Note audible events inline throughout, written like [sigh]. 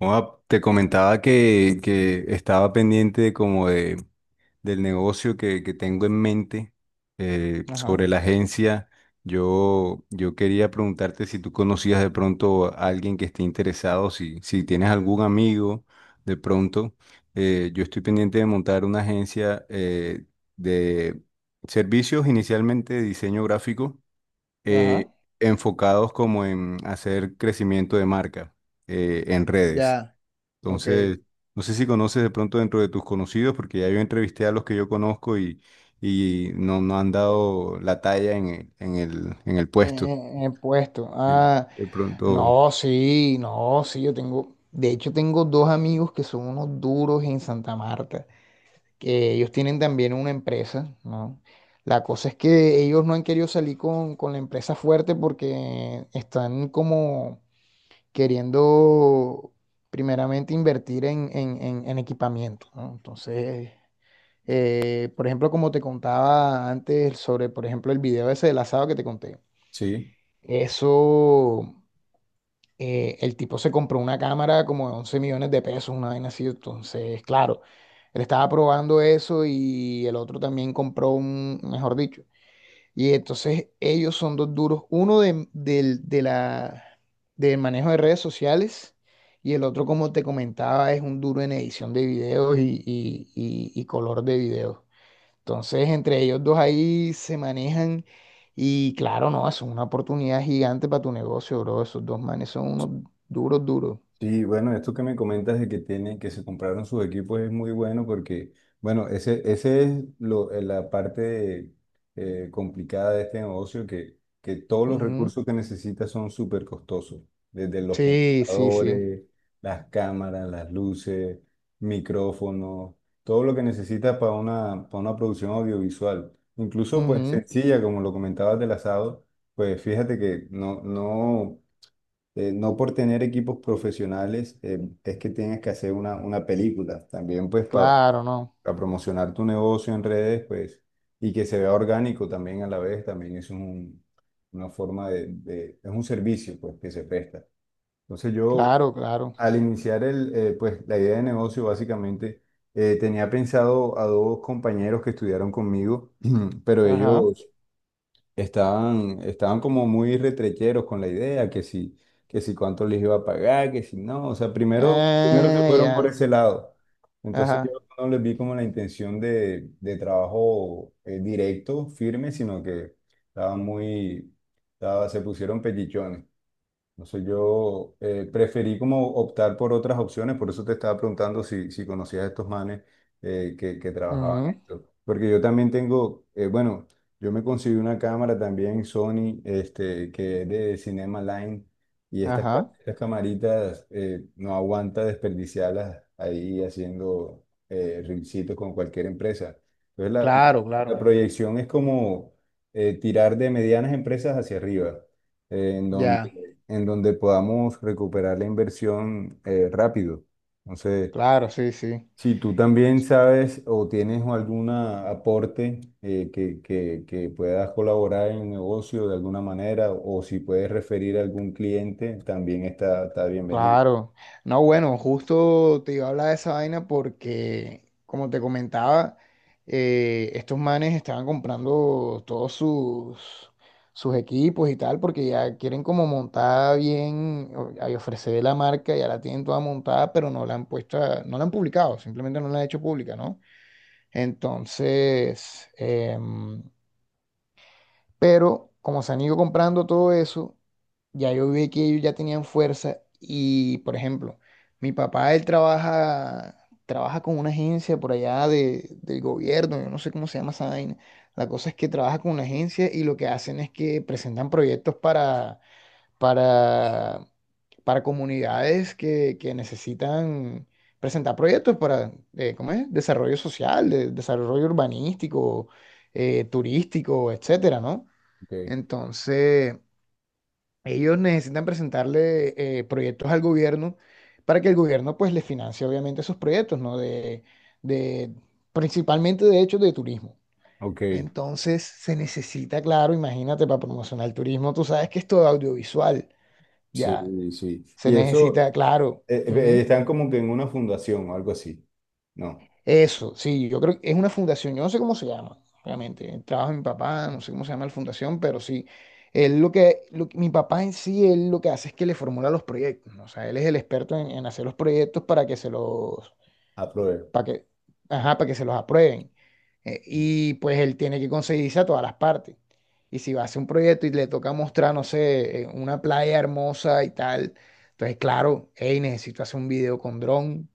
Joa, te comentaba que estaba pendiente como de, del negocio que tengo en mente Ajá, sobre la agencia. Yo quería preguntarte si tú conocías de pronto a alguien que esté interesado, si tienes algún amigo de pronto. Yo estoy pendiente de montar una agencia de servicios inicialmente de diseño gráfico eh, ajá, enfocados como en hacer crecimiento de marca en redes. ya, ok. En, Entonces, no sé si conoces de pronto dentro de tus conocidos, porque ya yo entrevisté a los que yo conozco y no, no han dado la talla en, el, en el en el puesto. en- en puesto. Sí, Ah, de pronto. no, sí, no, sí, yo tengo, de hecho tengo dos amigos que son unos duros en Santa Marta, que ellos tienen también una empresa, ¿no? La cosa es que ellos no han querido salir con la empresa fuerte porque están como queriendo primeramente invertir en equipamiento, ¿no? Entonces. Por ejemplo, como te contaba antes sobre, por ejemplo, el video ese del asado que te conté. Sí. Eso, el tipo se compró una cámara como de 11 millones de pesos, una vaina así. Entonces, claro, él estaba probando eso y el otro también compró un, mejor dicho. Y entonces ellos son dos duros, uno de, del, de la, del manejo de redes sociales y el otro, como te comentaba, es un duro en edición de videos y color de videos. Entonces, entre ellos dos ahí se manejan y claro, no, eso es una oportunidad gigante para tu negocio, bro. Esos dos manes son unos duros, duros. Sí, bueno, esto que me comentas de que tiene, que se compraron sus equipos es muy bueno porque, bueno, ese es lo, la parte complicada de este negocio, que todos los Ujú. recursos que necesitas son súper costosos, desde los Sí, sí, sí. computadores, las cámaras, las luces, micrófonos, todo lo que necesitas para una producción audiovisual. Incluso, pues, Ujú. sencilla, como lo comentabas del asado, pues fíjate que no, no no por tener equipos profesionales es que tienes que hacer una película. También pues para Claro, no. promocionar tu negocio en redes pues y que se vea orgánico también a la vez, también es un, una forma de- es un servicio pues que se presta. Entonces yo Claro, claro. al iniciar el, pues la idea de negocio básicamente, tenía pensado a dos compañeros que estudiaron conmigo, [clears throat] pero Ajá. ellos estaban como muy retrecheros con la idea, que si cuánto les iba a pagar, que si no, o sea, primero, primero se Ah, fueron por ya. ese lado. Entonces yo Ajá. no les vi como la intención de trabajo directo, firme, sino que estaban muy, estaba, se pusieron pellichones. Entonces yo preferí como optar por otras opciones, por eso te estaba preguntando si, si conocías a estos manes que trabajaban en Ujú. esto. Porque yo también tengo, bueno, yo me conseguí una cámara también Sony, este, que es de Cinema Line, y estas, ca- Ajá. estas camaritas no aguanta desperdiciarlas ahí haciendo reelcitos con cualquier empresa. Entonces la, Claro, la claro. proyección es como, tirar de medianas empresas hacia arriba, eh, en donde Ya. en donde podamos recuperar la inversión rápido. Entonces, Claro, sí, sí. si tú también sabes o tienes algún aporte que puedas colaborar en el negocio de alguna manera o si puedes referir a algún cliente, también está, está bienvenido. Claro. No, bueno, justo te iba a hablar de esa vaina porque, como te comentaba, estos manes estaban comprando todos sus equipos y tal, porque ya quieren como montar bien, a ofrecer la marca, ya la tienen toda montada, pero no la han puesto, no la han publicado, simplemente no la han hecho pública, ¿no? Entonces, pero como se han ido comprando todo eso, ya yo vi que ellos ya tenían fuerza y, por ejemplo, mi papá, él trabaja con una agencia por allá del gobierno, yo no sé cómo se llama esa vaina. La cosa es que trabaja con una agencia y lo que hacen es que presentan proyectos para, para comunidades que necesitan presentar proyectos para, ¿cómo es? Desarrollo social, desarrollo urbanístico, turístico, etcétera, ¿no? Ok, Entonces. Ellos necesitan presentarle proyectos al gobierno para que el gobierno pues les financie obviamente esos proyectos, ¿no? De, Principalmente de hecho de turismo. ok, Entonces se necesita, claro, imagínate, para promocionar el turismo, tú sabes que es todo audiovisual, sí, ya. sí. Se Y eso, necesita, claro. Ujú. están como que en una fundación o algo así. No, Eso, sí, yo creo que es una fundación, yo no sé cómo se llama, obviamente, el trabajo de mi papá, no sé cómo se llama la fundación, pero sí, él mi papá en sí, él lo que hace es que le formula los proyectos, ¿no? O sea, él es el experto en hacer los proyectos para que se los, aprobé. para que, ajá, para que se los aprueben. Y pues él tiene que conseguirse a todas las partes. Y si va a hacer un proyecto y le toca mostrar, no sé, una playa hermosa y tal, entonces, claro, hey, necesito hacer un video con dron.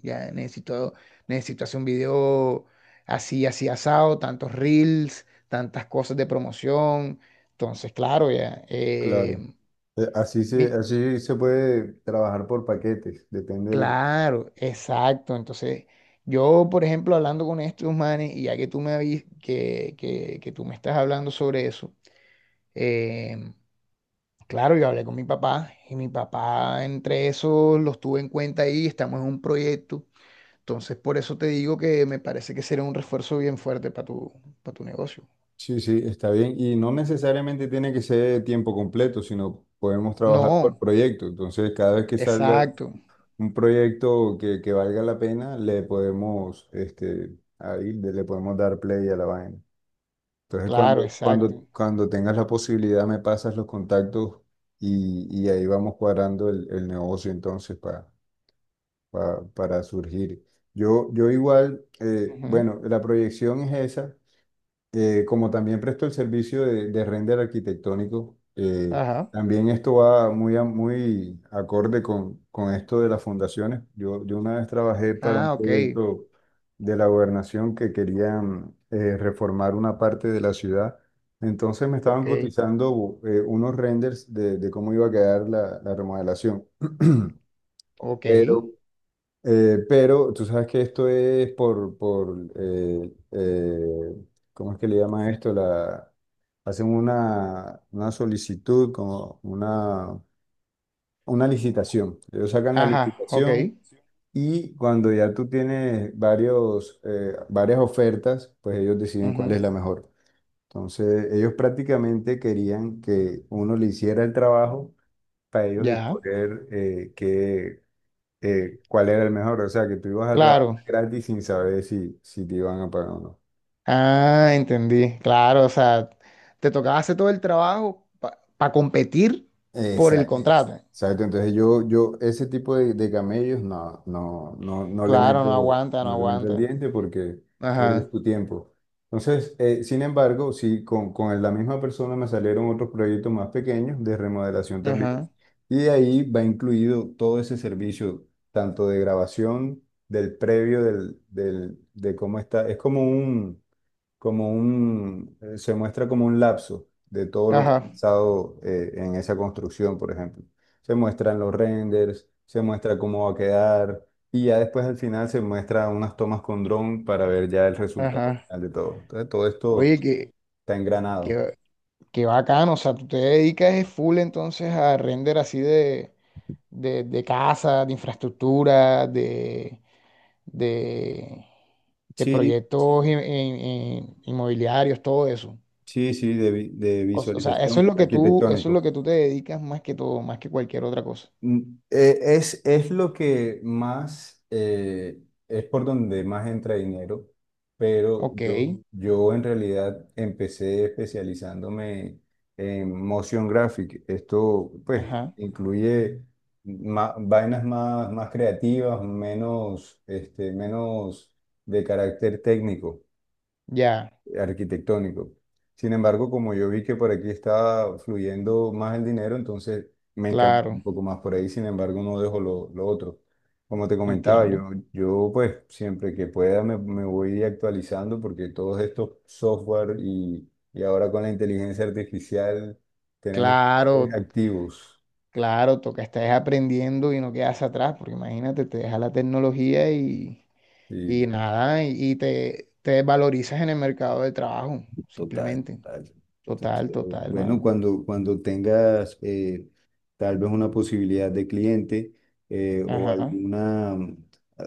Ya necesito hacer un video así, así asado, tantos reels, tantas cosas de promoción. Entonces, claro, ya. Claro. Mi- Así se puede trabajar por paquetes, depende del. claro, exacto. Entonces, yo, por ejemplo, hablando con estos manes, y ya que tú me avis- que tú me estás hablando sobre eso, eh, claro, yo hablé con mi papá, y mi papá, entre esos, los tuve en cuenta ahí, estamos en un proyecto. Entonces, por eso te digo que me parece que sería un refuerzo bien fuerte para tu negocio. Sí, sí, está bien. Y no necesariamente tiene que ser tiempo completo, sino podemos trabajar por No, proyecto. Entonces, cada vez que salga exacto, un proyecto que valga la pena, le podemos, este, ahí de- le podemos dar play a la vaina. Entonces, claro, cuando, cuando, exacto. cuando tengas la posibilidad, me pasas los contactos y ahí vamos cuadrando el negocio entonces para surgir. Yo igual, Ujú, bueno, la proyección es esa, como también presto el servicio de render arquitectónico, ajá. también esto va muy, a- muy acorde con esto de las fundaciones. Yo una vez trabajé para un Ah, ok, proyecto de la gobernación que querían reformar una parte de la ciudad. Entonces me estaban ok, cotizando unos renders de cómo iba a quedar la, la remodelación. [clears throat] ok. Pero, pero tú sabes que esto es por, por ¿cómo es que le llama esto? La, hacen una solicitud, como una licitación. Ellos sacan la Ajá, ok. licitación y cuando ya tú tienes varios, varias ofertas, pues ellos deciden cuál Ujú, es la mejor. Entonces, ellos prácticamente querían que uno le hiciera el trabajo para ellos ya, escoger qué, cuál era el mejor. O sea, que tú ibas a trabajar claro. gratis sin saber si, si te iban a pagar o no. Ah, entendí. Claro, o sea, te tocaba hacer todo el trabajo para competir por el Exacto. contrato. Exacto, entonces yo ese tipo de camellos no, no, no, no le Claro, no meto, aguanta, no no le meto el aguanta. diente porque pierdes Ajá, tu tiempo. Entonces, sin embargo, sí, con la misma persona me salieron otros proyectos más pequeños de remodelación también. ajá, Y de ahí va incluido todo ese servicio, tanto de grabación del previo, del, del, de cómo está. Es como un, se muestra como un lapso de todo lo que ha ajá, pasado en esa construcción, por ejemplo. Se muestran los renders, se muestra cómo va a quedar y ya después al final se muestra unas tomas con dron para ver ya el resultado ajá. final de todo. Entonces todo esto Oye, está engranado. que, qué bacano, o sea, tú te dedicas full entonces a render así de casa, de infraestructura, de, de Sí, proyectos inmobiliarios, todo eso. sí, sí, de, vi- de O sea, eso es visualización lo que tú, eso es lo arquitectónico. que tú te dedicas más que todo, más que cualquier otra cosa. Mm, es lo que más, es por donde más entra dinero, pero Ok, yo, sí. yo en realidad empecé especializándome en motion graphic. Esto pues Ajá, incluye ma- vainas más, más creativas, menos, este, menos de carácter técnico ya, arquitectónico. Sin embargo, como yo vi que por aquí estaba fluyendo más el dinero, entonces me encanta un claro, poco más por ahí, sin embargo, no dejo lo otro. Como te comentaba, entiendo. yo pues siempre que pueda me, me voy actualizando porque todos estos software y ahora con la inteligencia artificial tenemos que estar Claro, activos. claro, toca estar aprendiendo y no quedas atrás, porque imagínate, te deja la tecnología. Y Sí. nada, y te valorizas en el mercado de trabajo, Total, simplemente. total. Total, Entonces, total, bueno, mano. cuando tengas tal vez una posibilidad de cliente, o Ajá, alguna,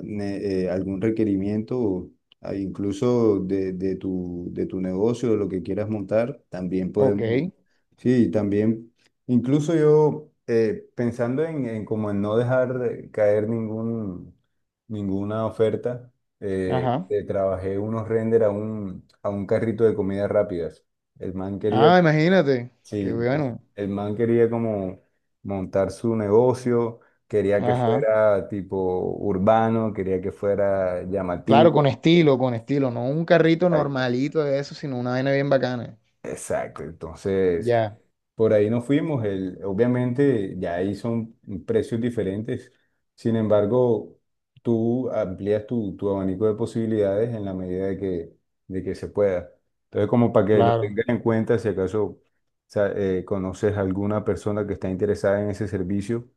ne- algún requerimiento, o, ah, incluso de tu negocio, de lo que quieras montar, también podemos, ok, sí, también, incluso yo pensando en como en no dejar caer ningún, ninguna oferta ajá. le trabajé unos render a un carrito de comidas rápidas. El man quería, Ah, imagínate, qué sí, bueno. el man quería como montar su negocio, quería que Ajá. fuera tipo urbano, quería que fuera Claro, llamativo. Con estilo, no un carrito Exacto, normalito de eso, sino una vaina bien bacana. exacto, entonces. Ya, Por ahí nos fuimos, el, obviamente ya ahí son precios diferentes, sin embargo, tú amplías tu, tu abanico de posibilidades en la medida de que se pueda. Entonces, como para que lo claro. tengas en cuenta, si acaso sa- conoces alguna persona que está interesada en ese servicio,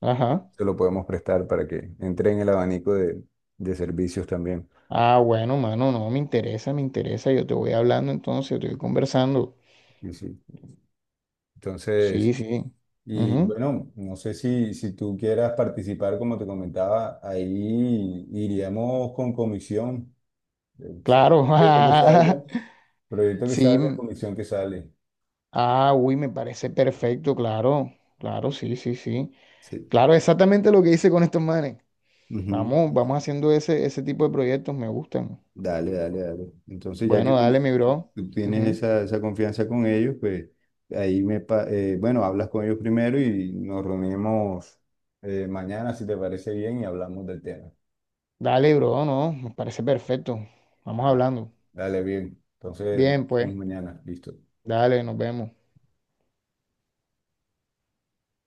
Ajá. te lo podemos prestar para que entre en el abanico de servicios también. Ah, bueno, mano, no, me interesa, me interesa. Yo te voy hablando entonces, yo te voy conversando. Y sí. Entonces, Sí, sí. y Ujú. bueno, no sé si, si tú quieras participar, como te comentaba, ahí iríamos con comisión. El se- Claro. proyecto que salga, [laughs] proyecto que Sí, salga, comisión que sale. ah, uy, me parece perfecto, claro, claro, sí, sí, sí. Sí. Claro, exactamente lo que hice con estos manes. Ujú. Vamos, vamos haciendo ese tipo de proyectos, me gustan. Dale, dale, dale. Entonces, ya que Bueno, tú, dale, mi bro. tú tienes Ujú. esa, esa confianza con ellos, pues ahí me, pa- bueno, hablas con ellos primero y nos reunimos mañana, si te parece bien, y hablamos del tema. Dale, bro, no, me parece perfecto. Vamos Dale, hablando. dale, bien. Entonces, nos Bien, pues, vemos mañana. Listo. dale, nos vemos.